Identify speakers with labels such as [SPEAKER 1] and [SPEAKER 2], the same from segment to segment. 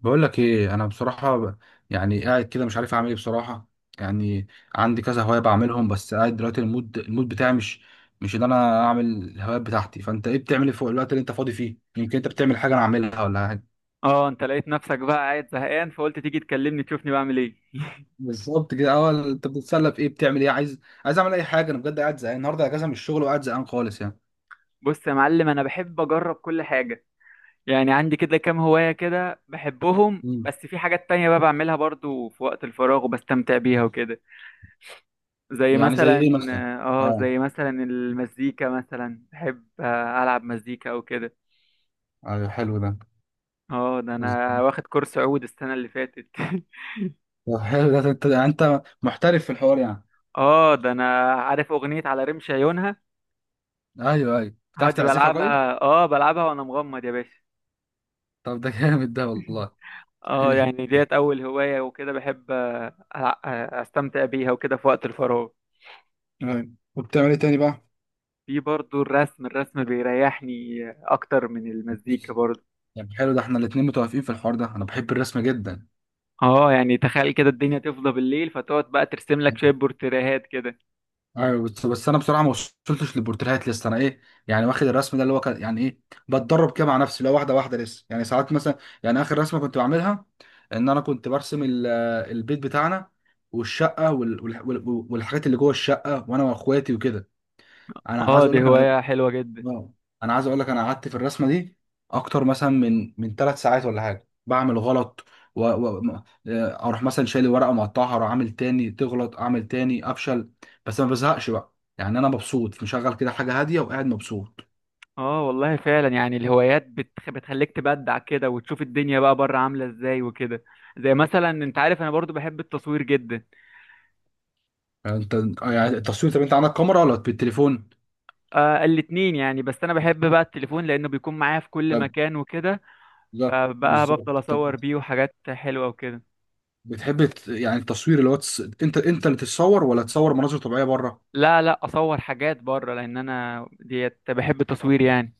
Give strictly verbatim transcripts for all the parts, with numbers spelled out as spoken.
[SPEAKER 1] بقول لك ايه انا بصراحه ب- يعني قاعد كده مش عارف اعمل ايه بصراحه يعني. عندي كذا هوايه بعملهم، بس قاعد دلوقتي المود المود بتاعي مش مش ان انا اعمل الهوايات بتاعتي. فانت ايه بتعمل إيه في الوقت اللي انت فاضي فيه؟ يمكن انت بتعمل حاجه انا اعملها ولا حاجه.
[SPEAKER 2] اه، انت لقيت نفسك بقى قاعد زهقان فقلت تيجي تكلمني تشوفني بعمل ايه؟
[SPEAKER 1] بالظبط كده، اول انت بتتسلى في ايه، بتعمل ايه؟ عايز عايز اعمل اي حاجه، انا بجد قاعد زهقان، النهارده اجازه من الشغل وقاعد زهقان خالص يعني.
[SPEAKER 2] بص يا معلم، انا بحب اجرب كل حاجه. يعني عندي كده كام هوايه كده بحبهم،
[SPEAKER 1] مم.
[SPEAKER 2] بس في حاجات تانية بقى بعملها برضو في وقت الفراغ وبستمتع بيها وكده. زي
[SPEAKER 1] يعني زي
[SPEAKER 2] مثلا
[SPEAKER 1] ايه مثلا؟
[SPEAKER 2] اه
[SPEAKER 1] اه.
[SPEAKER 2] زي مثلا المزيكا مثلا، بحب آه، العب مزيكا او كده.
[SPEAKER 1] أيوة، حلو ده.
[SPEAKER 2] اه ده انا واخد كورس عود السنه اللي فاتت
[SPEAKER 1] طب حلو ده انت، انت محترف في الحوار يعني.
[SPEAKER 2] اه ده انا عارف اغنيه على رمش عيونها.
[SPEAKER 1] ايوه ايوه، بتعرف
[SPEAKER 2] هادي
[SPEAKER 1] تعزفها.
[SPEAKER 2] بلعبها، اه بلعبها وانا مغمض يا باشا.
[SPEAKER 1] طب ده جامد ده والله.
[SPEAKER 2] اه يعني ديت اول هواية، وكده بحب آه، أ- استمتع بيها وكده في وقت الفراغ.
[SPEAKER 1] أيوة. وبتعمل ايه تاني بقى؟
[SPEAKER 2] في برضو الرسم، الرسم بيريحني اكتر من المزيكا برضو.
[SPEAKER 1] طب حلو ده، احنا الاتنين متوافقين في الحوار ده، انا بحب الرسم جدا.
[SPEAKER 2] اه يعني تخيل كده الدنيا تفضى بالليل فتقعد بقى ترسم لك شوية بورتريهات كده.
[SPEAKER 1] ايوه، بس, بس انا بصراحه ما وصلتش للبورتريهات لسه، انا ايه يعني واخد الرسم ده اللي هو كان- يعني ايه، بتدرب كده مع نفسي، لو واحده واحده لسه، يعني ساعات مثلا، يعني اخر رسمه كنت بعملها ان انا كنت برسم ال- البيت بتاعنا والشقه وال- وال- وال- والحاجات اللي جوه الشقه وانا واخواتي وكده. انا عايز
[SPEAKER 2] اه
[SPEAKER 1] اقول
[SPEAKER 2] دي
[SPEAKER 1] لك انا.
[SPEAKER 2] هواية حلوة جدا.
[SPEAKER 1] واو. انا عايز اقول لك، انا قعدت في الرسمه دي اكتر مثلا من من ثلاث ساعات ولا حاجه، بعمل غلط و... و... م- آه، اروح مثلا شايل ورقه مقطعها، اروح عامل تاني تغلط، اعمل تاني افشل، بس ما بزهقش بقى يعني، انا مبسوط مشغل كده حاجه هاديه وقاعد مبسوط.
[SPEAKER 2] اه والله فعلا، يعني الهوايات بتخ... بتخليك تبدع كده وتشوف الدنيا بقى بره عاملة ازاي وكده. زي مثلا انت عارف انا برضو بحب التصوير جدا.
[SPEAKER 1] يعني انت، يعني التصوير، طب انت عندك كاميرا ولا بالتليفون؟
[SPEAKER 2] آه الاتنين يعني، بس انا بحب بقى التليفون لانه بيكون معايا في كل
[SPEAKER 1] طب،
[SPEAKER 2] مكان وكده.
[SPEAKER 1] بالظبط
[SPEAKER 2] فبقى
[SPEAKER 1] بالظبط،
[SPEAKER 2] بفضل
[SPEAKER 1] طب
[SPEAKER 2] اصور بيه وحاجات حلوه وكده.
[SPEAKER 1] بتحب ت- يعني التصوير اللي هو تس... انت انت اللي تتصور ولا تصور مناظر طبيعيه بره؟
[SPEAKER 2] لا لا اصور حاجات بره، لان انا ديت بحب التصوير يعني.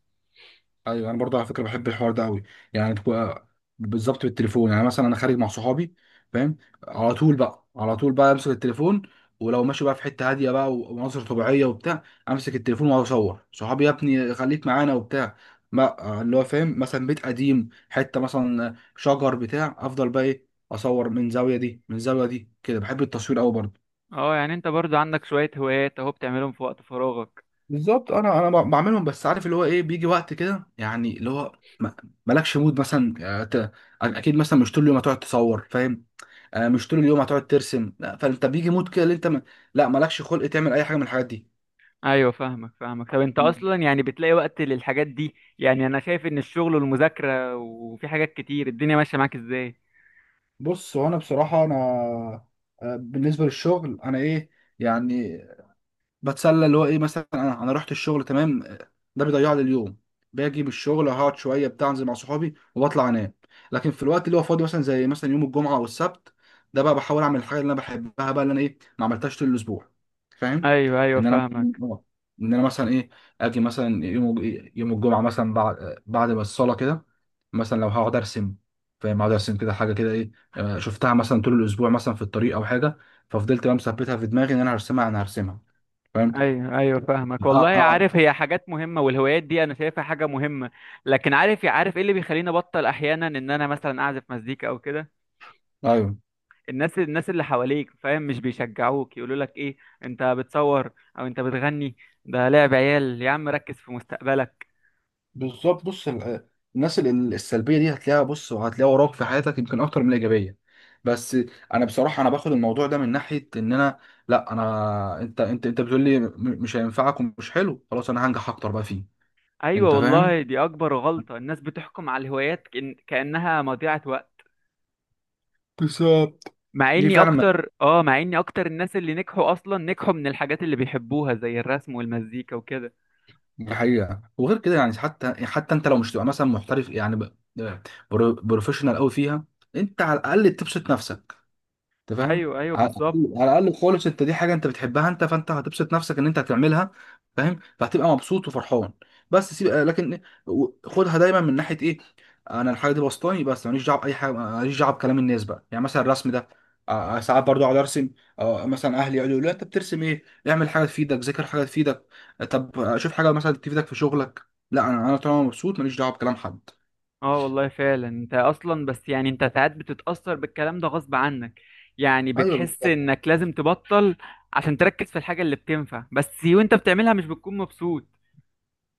[SPEAKER 1] ايوه انا برضه على فكره بحب الحوار ده قوي، يعني تبقى بالظبط بالتليفون. يعني مثلا انا خارج مع صحابي، فاهم؟ على طول بقى، على طول بقى امسك التليفون، ولو ماشي بقى في حته هاديه بقى ومناظر طبيعيه وبتاع، امسك التليفون واقعد اصور صحابي، يا ابني خليك معانا وبتاع، ما اللي هو فاهم، مثلا بيت قديم، حته مثلا شجر بتاع، افضل بقى ايه، اصور من زاويه دي من زاويه دي كده، بحب التصوير قوي برضه.
[SPEAKER 2] اه يعني انت برضو عندك شويه هوايات اهو بتعملهم في وقت فراغك.
[SPEAKER 1] بالظبط، انا انا ب- بعملهم، بس عارف اللي هو ايه، بيجي وقت كده يعني اللي هو ما- مالكش مود مثلا، آه، ت- اكيد مثلا مش طول اليوم هتقعد تصور، فاهم؟ آه، مش طول اليوم هتقعد ترسم، لا، فانت بيجي مود كده اللي انت ما... لا مالكش خلق تعمل اي حاجه من الحاجات دي.
[SPEAKER 2] ايوه فاهمك فاهمك. طب انت
[SPEAKER 1] مم.
[SPEAKER 2] اصلا يعني بتلاقي وقت للحاجات دي؟ يعني انا شايف ان الشغل والمذاكره وفي حاجات كتير، الدنيا ماشيه معاك ازاي؟
[SPEAKER 1] بص هو انا بصراحه انا، آه، بالنسبه للشغل انا ايه يعني بتسلى اللي هو ايه، مثلا انا انا رحت الشغل تمام، ده بيضيع لي اليوم، باجي من الشغل هقعد شويه بتاع، انزل مع صحابي وبطلع انام. لكن في الوقت اللي هو فاضي، مثلا زي مثلا يوم الجمعه او السبت، ده بقى بحاول اعمل الحاجه اللي انا بحبها بقى، اللي انا ايه ما عملتهاش طول الاسبوع، فاهم؟
[SPEAKER 2] ايوه ايوه
[SPEAKER 1] ان انا،
[SPEAKER 2] فاهمك.
[SPEAKER 1] آه، ان انا مثلا ايه، اجي مثلا يوم، يوم الجمعه مثلا، بعد بعد ما الصلاه كده، مثلا لو هقعد ارسم، فاهم؟ هقعد ارسم كده حاجه كده ايه، آه، شفتها مثلا طول الاسبوع مثلا في الطريق او حاجه، ففضلت بقى مثبتها في دماغي ان انا هرسمها، انا هرسمها، فاهم؟
[SPEAKER 2] ايوه ايوه فاهمك
[SPEAKER 1] اه
[SPEAKER 2] والله.
[SPEAKER 1] اه.
[SPEAKER 2] عارف، هي حاجات مهمه والهوايات دي انا شايفها حاجه مهمه. لكن عارف عارف ايه اللي بيخليني ابطل احيانا ان انا مثلا اعزف مزيكا او كده؟
[SPEAKER 1] ايوه
[SPEAKER 2] الناس الناس اللي حواليك، فاهم، مش بيشجعوك، يقولوا لك ايه، انت بتصور او انت بتغني، ده لعب عيال يا عم، ركز في مستقبلك.
[SPEAKER 1] بالظبط، بص ال- الناس ال- ال- السلبيه دي هتلاقيها، بص، وهتلاقيها وراك في حياتك يمكن اكتر من الايجابيه، بس انا بصراحه انا باخد الموضوع ده من ناحيه ان انا، لا انا، انت انت انت بتقول لي م- مش هينفعك ومش حلو، خلاص انا هنجح اكتر بقى فيه، انت
[SPEAKER 2] ايوه
[SPEAKER 1] فاهم؟
[SPEAKER 2] والله، دي اكبر غلطة. الناس بتحكم على الهوايات كأن- كأنها مضيعة وقت.
[SPEAKER 1] بالظبط،
[SPEAKER 2] مع
[SPEAKER 1] دي
[SPEAKER 2] اني
[SPEAKER 1] فعلا
[SPEAKER 2] اكتر اه مع اني اكتر الناس اللي نجحوا اصلا نجحوا من الحاجات اللي بيحبوها زي الرسم والمزيكا وكده.
[SPEAKER 1] الحقيقه. وغير كده يعني، حتى حتى انت لو مش تبقى مثلا محترف، يعني ب- بر- بروفيشنال قوي فيها، انت على الاقل تبسط نفسك، انت فاهم؟
[SPEAKER 2] ايوه ايوه
[SPEAKER 1] على
[SPEAKER 2] بالظبط.
[SPEAKER 1] الاقل، على الاقل خالص، انت دي حاجه انت بتحبها انت، فانت هتبسط نفسك ان انت هتعملها، فاهم؟ فهتبقى مبسوط وفرحان، بس سيب، آه، لكن و- خدها دايما من ناحيه ايه، انا الحاجه دي بسطاني، بس ماليش دعوه باي حاجه، ماليش دعوه بكلام الناس بقى. يعني مثلا الرسم ده، آه، آه، ساعات برضو اقعد ارسم، آه، مثلا اهلي يقولوا لي لا انت بترسم ايه، اعمل حاجه تفيدك، ذاكر حاجه تفيدك، طب آه، شوف حاجه مثلا تفيدك في شغلك، لا انا، انا طالما مبسوط ماليش دعوه بكلام حد.
[SPEAKER 2] اه والله فعلا، انت اصلا بس يعني انت ساعات بتتأثر بالكلام ده غصب عنك، يعني
[SPEAKER 1] ايوه
[SPEAKER 2] بتحس
[SPEAKER 1] بالظبط.
[SPEAKER 2] انك لازم تبطل عشان تركز في الحاجة اللي بتنفع بس، وانت بتعملها مش بتكون مبسوط.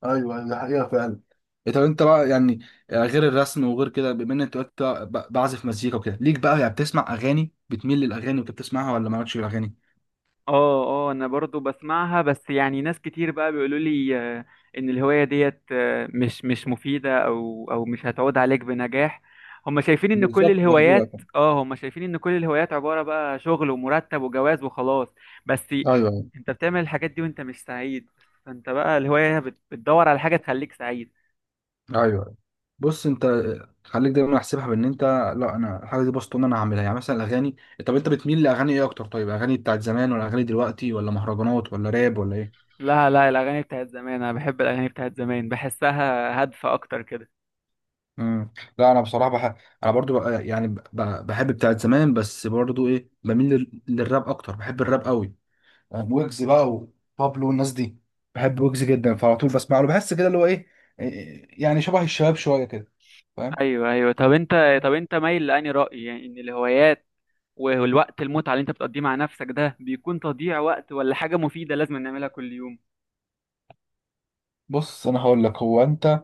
[SPEAKER 1] ايوه أيوة، ده حقيقه فعلا. إيه، طب انت بقى يعني، غير الرسم وغير كده، بما ان انت قلت بقى- ب- بعزف مزيكا وكده، ليك بقى يعني بتسمع اغاني؟ بتميل للاغاني وانت بتسمعها ولا مالكش في الاغاني؟
[SPEAKER 2] اه اه انا برضو بسمعها، بس يعني ناس كتير بقى بيقولوا لي آه، ان الهواية ديت آه، مش مش مفيدة او او مش هتعود عليك بنجاح. هم شايفين ان كل
[SPEAKER 1] بالظبط ده حقيقة
[SPEAKER 2] الهوايات
[SPEAKER 1] فعلا.
[SPEAKER 2] اه هم شايفين ان كل الهوايات عبارة بقى شغل ومرتب وجواز وخلاص. بس
[SPEAKER 1] ايوه ايوه
[SPEAKER 2] انت بتعمل الحاجات دي وانت مش سعيد، فانت بقى الهواية بت- بتدور على حاجة تخليك سعيد.
[SPEAKER 1] ايوه. بص انت، خليك دايما احسبها بان انت، لا انا الحاجه دي بسطون انا هعملها، يعني مثلا الاغاني، طب انت بتميل لاغاني ايه اكتر؟ طيب اغاني بتاعت زمان ولا اغاني دلوقتي ولا مهرجانات ولا راب ولا ايه؟
[SPEAKER 2] لا لا، الاغاني بتاعت زمان، انا بحب الاغاني بتاعت زمان، بحسها هادفة اكتر كده.
[SPEAKER 1] مم. لا انا بصراحه بح... انا برضو بق... يعني ب... بحب بتاعت زمان، بس برضو ايه بميل لل... للراب اكتر، بحب الراب قوي، يعني ويجز بقى وبابلو والناس دي، بحب ويجز جدا، فعلى طول بسمع له، بحس كده اللي هو ايه، إيه، يعني شبه الشباب شويه كده، فاهم؟
[SPEAKER 2] ايوه ايوه. طب انت طب انت مايل لاني رأي يعني ان الهوايات والوقت المتعة اللي انت بتقضيه مع نفسك ده بيكون تضييع وقت، ولا حاجة مفيدة لازم نعملها كل يوم؟
[SPEAKER 1] بص انا هقول لك هو انت،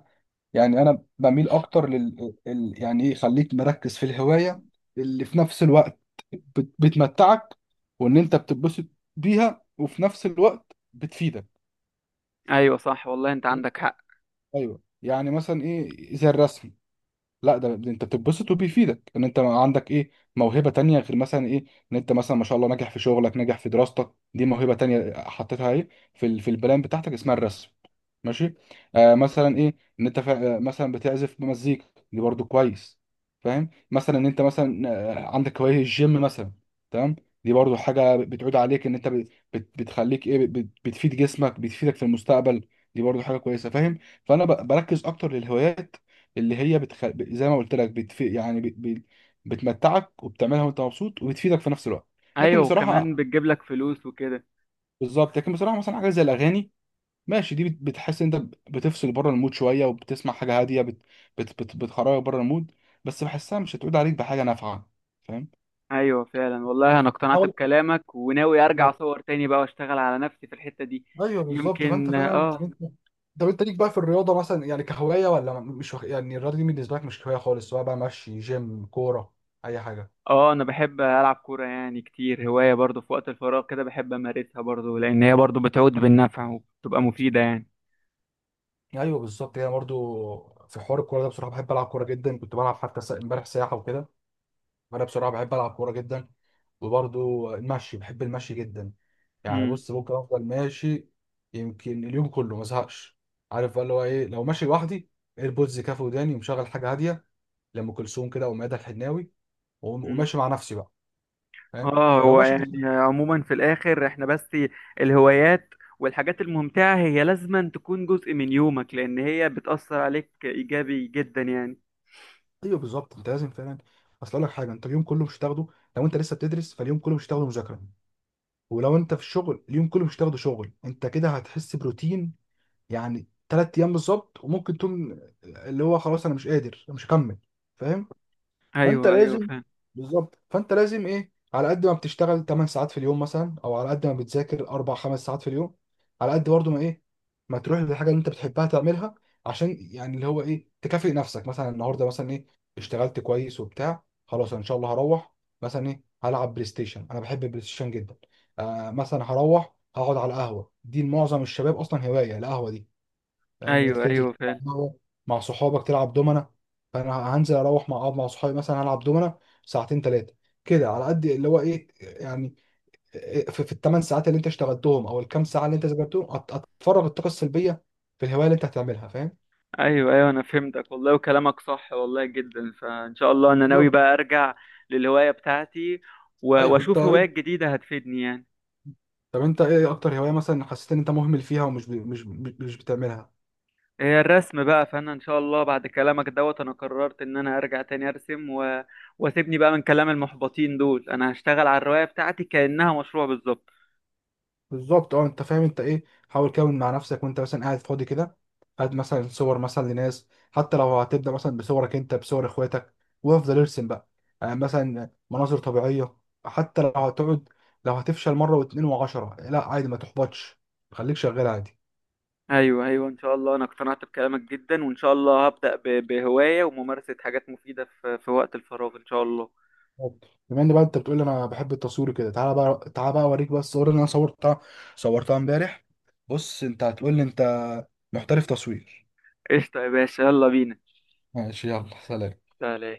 [SPEAKER 1] يعني انا بميل اكتر لل ال... يعني ايه، خليك مركز في الهوايه اللي في نفس الوقت بت... بتمتعك وان انت بتتبسط بيها، وفي نفس الوقت بتفيدك.
[SPEAKER 2] ايوه صح والله، انت عندك حق.
[SPEAKER 1] ايوه يعني مثلا ايه، زي الرسم، لا ده ده انت بتتبسط وبيفيدك، ان انت عندك ايه، موهبه تانية غير مثلا ايه، ان انت مثلا ما شاء الله ناجح في شغلك ناجح في دراستك، دي موهبه تانية حطيتها ايه في ال- في البلان بتاعتك اسمها الرسم، ماشي. آه مثلا ايه، ان انت فا... آه، مثلا بتعزف مزيكا، دي برضو كويس، فاهم؟ مثلا ان انت مثلا، آه، عندك هوايه الجيم مثلا، تمام؟ دي برضو حاجه بتعود عليك، ان انت بت... بت- بتخليك ايه، بت... بتفيد جسمك، بتفيدك في المستقبل، دي برضو حاجه كويسه، فاهم؟ فانا ب... بركز اكتر للهوايات اللي هي بتخ... ب- زي ما قلت لك بتف... يعني ب... ب... بتمتعك، وبتعملها وانت مبسوط، وبتفيدك في نفس الوقت. لكن
[SPEAKER 2] ايوه، وكمان
[SPEAKER 1] بصراحه،
[SPEAKER 2] بتجيب لك فلوس وكده.
[SPEAKER 1] بالظبط لكن بصراحه، مثلا حاجه زي الاغاني، ماشي دي بت... بتحس انت ب- بتفصل بره المود شويه، وبتسمع حاجه هاديه بت... بت... بت... بتخرجك بره المود، بس بحسها مش هتعود عليك بحاجه نافعه، فاهم؟
[SPEAKER 2] ايوه فعلا والله، انا اقتنعت
[SPEAKER 1] بحاول.
[SPEAKER 2] بكلامك وناوي ارجع
[SPEAKER 1] بالظبط.
[SPEAKER 2] اصور تاني بقى واشتغل على نفسي في الحتة دي.
[SPEAKER 1] ايوه بالظبط، فانت
[SPEAKER 2] يمكن
[SPEAKER 1] فعلا يعني
[SPEAKER 2] اه.
[SPEAKER 1] انت، طب انت ليك بقى في الرياضه مثلا، يعني كهوايه؟ ولا م- مش وخ... يعني الرياضه دي بالنسبه لك مش هوايه خالص، سواء بقى مشي، جيم، كوره، اي حاجه؟
[SPEAKER 2] اه انا بحب العب كورة يعني كتير، هواية برضو في وقت الفراغ كده بحب امارسها برضو، لان هي برضو بتعود بالنفع وبتبقى مفيدة يعني.
[SPEAKER 1] ايوه بالظبط، هي برضو في حوار الكوره ده، بصراحه بحب العب كوره جدا، كنت بلعب حتى سا- امبارح سياحه وكده، فانا بصراحه بحب العب كوره جدا، وبرضو المشي، بحب المشي جدا، يعني بص ممكن افضل ماشي، يمكن اليوم كله ما ازهقش، عارف بقى اللي هو ايه، لو ماشي لوحدي ايربودز كافي وداني ومشغل حاجه هاديه، لام كلثوم كده او ميادة الحناوي، وم-
[SPEAKER 2] امم.
[SPEAKER 1] وماشي مع نفسي بقى، فاهم؟
[SPEAKER 2] اه
[SPEAKER 1] لو
[SPEAKER 2] هو
[SPEAKER 1] ماشي.
[SPEAKER 2] يعني عموما في الاخر احنا بس الهوايات والحاجات الممتعة هي لازما تكون جزء من يومك، لان هي بتأثر عليك ايجابي جدا يعني.
[SPEAKER 1] ايوه بالظبط، انت لازم فعلا، اصل اقول لك حاجه، انت اليوم كله مش هتاخده، لو انت لسه بتدرس فاليوم كله مش هتاخده مذاكره، ولو انت في الشغل اليوم كله مش تاخده شغل، انت كده هتحس بروتين، يعني تلات ايام بالظبط، وممكن تقوم اللي هو خلاص انا مش قادر انا مش هكمل، فاهم؟ فانت
[SPEAKER 2] ايوه ايوه
[SPEAKER 1] لازم،
[SPEAKER 2] فاهم.
[SPEAKER 1] بالظبط فانت لازم ايه، على قد ما بتشتغل 8 ساعات في اليوم مثلا، او على قد ما بتذاكر اربع 5 ساعات في اليوم، على قد برضه ما ايه ما تروح للحاجه اللي انت بتحبها تعملها، عشان يعني اللي هو ايه تكافئ نفسك، مثلا النهارده مثلا ايه اشتغلت كويس وبتاع، خلاص أنا ان شاء الله هروح مثلا ايه هلعب بلاي ستيشن، انا بحب البلاي ستيشن جدا، آه مثلا هروح هقعد على القهوه، دي معظم الشباب اصلا هوايه القهوه دي، فاهم؟ ان انت
[SPEAKER 2] ايوه
[SPEAKER 1] تنزل
[SPEAKER 2] ايوه فاهم.
[SPEAKER 1] تلعب مع مع صحابك تلعب دومنا، فانا هنزل اروح مع، اقعد مع صحابي مثلا هلعب دومنا ساعتين ثلاثه كده، على قد اللي هو ايه يعني، في, في الثمان ساعات اللي انت اشتغلتهم او الكام ساعه اللي انت ذاكرتهم، أت- اتفرغ الطاقه السلبيه في الهوايه اللي انت هتعملها، فاهم؟
[SPEAKER 2] ايوه ايوه، انا فهمتك والله وكلامك صح والله جدا، فان شاء الله انا ناوي
[SPEAKER 1] بالظبط.
[SPEAKER 2] بقى ارجع للهواية بتاعتي و-
[SPEAKER 1] ايوه انت،
[SPEAKER 2] واشوف هوايات جديدة هتفيدني يعني.
[SPEAKER 1] طب انت ايه اكتر هوايه مثلا حسيت ان انت مهمل فيها ومش ب... مش مش بتعملها؟
[SPEAKER 2] هي الرسم بقى، فانا ان شاء الله بعد كلامك دوت انا قررت ان انا ارجع تاني ارسم و... واسيبني بقى من كلام المحبطين دول. انا هشتغل على الرواية بتاعتي كأنها مشروع بالظبط.
[SPEAKER 1] بالظبط اه، انت فاهم انت ايه، حاول كده مع نفسك وانت مثلا قاعد فاضي كده، هات مثلا صور مثلا لناس، حتى لو هتبدا مثلا بصورك انت، بصور اخواتك، وافضل ارسم بقى، يعني مثلا مناظر طبيعيه، حتى لو هتقعد لو هتفشل مره واتنين وعشرة، لا عادي ما تحبطش، خليك شغال عادي.
[SPEAKER 2] ايوه ايوه ان شاء الله، انا اقتنعت بكلامك جدا، وان شاء الله هبدأ ب... بهواية وممارسة حاجات مفيدة في... في وقت الفراغ ان شاء الله.
[SPEAKER 1] طب، بما ان بقى انت بتقول انا بحب التصوير كده، تعالى بقى، تعالى بقى اوريك بقى الصور اللي انا صورتها، صورتها امبارح، بص انت هتقول لي انت محترف تصوير.
[SPEAKER 2] قشطة يا باشا، يلا بينا.
[SPEAKER 1] ماشي يلا سلام.
[SPEAKER 2] سلام.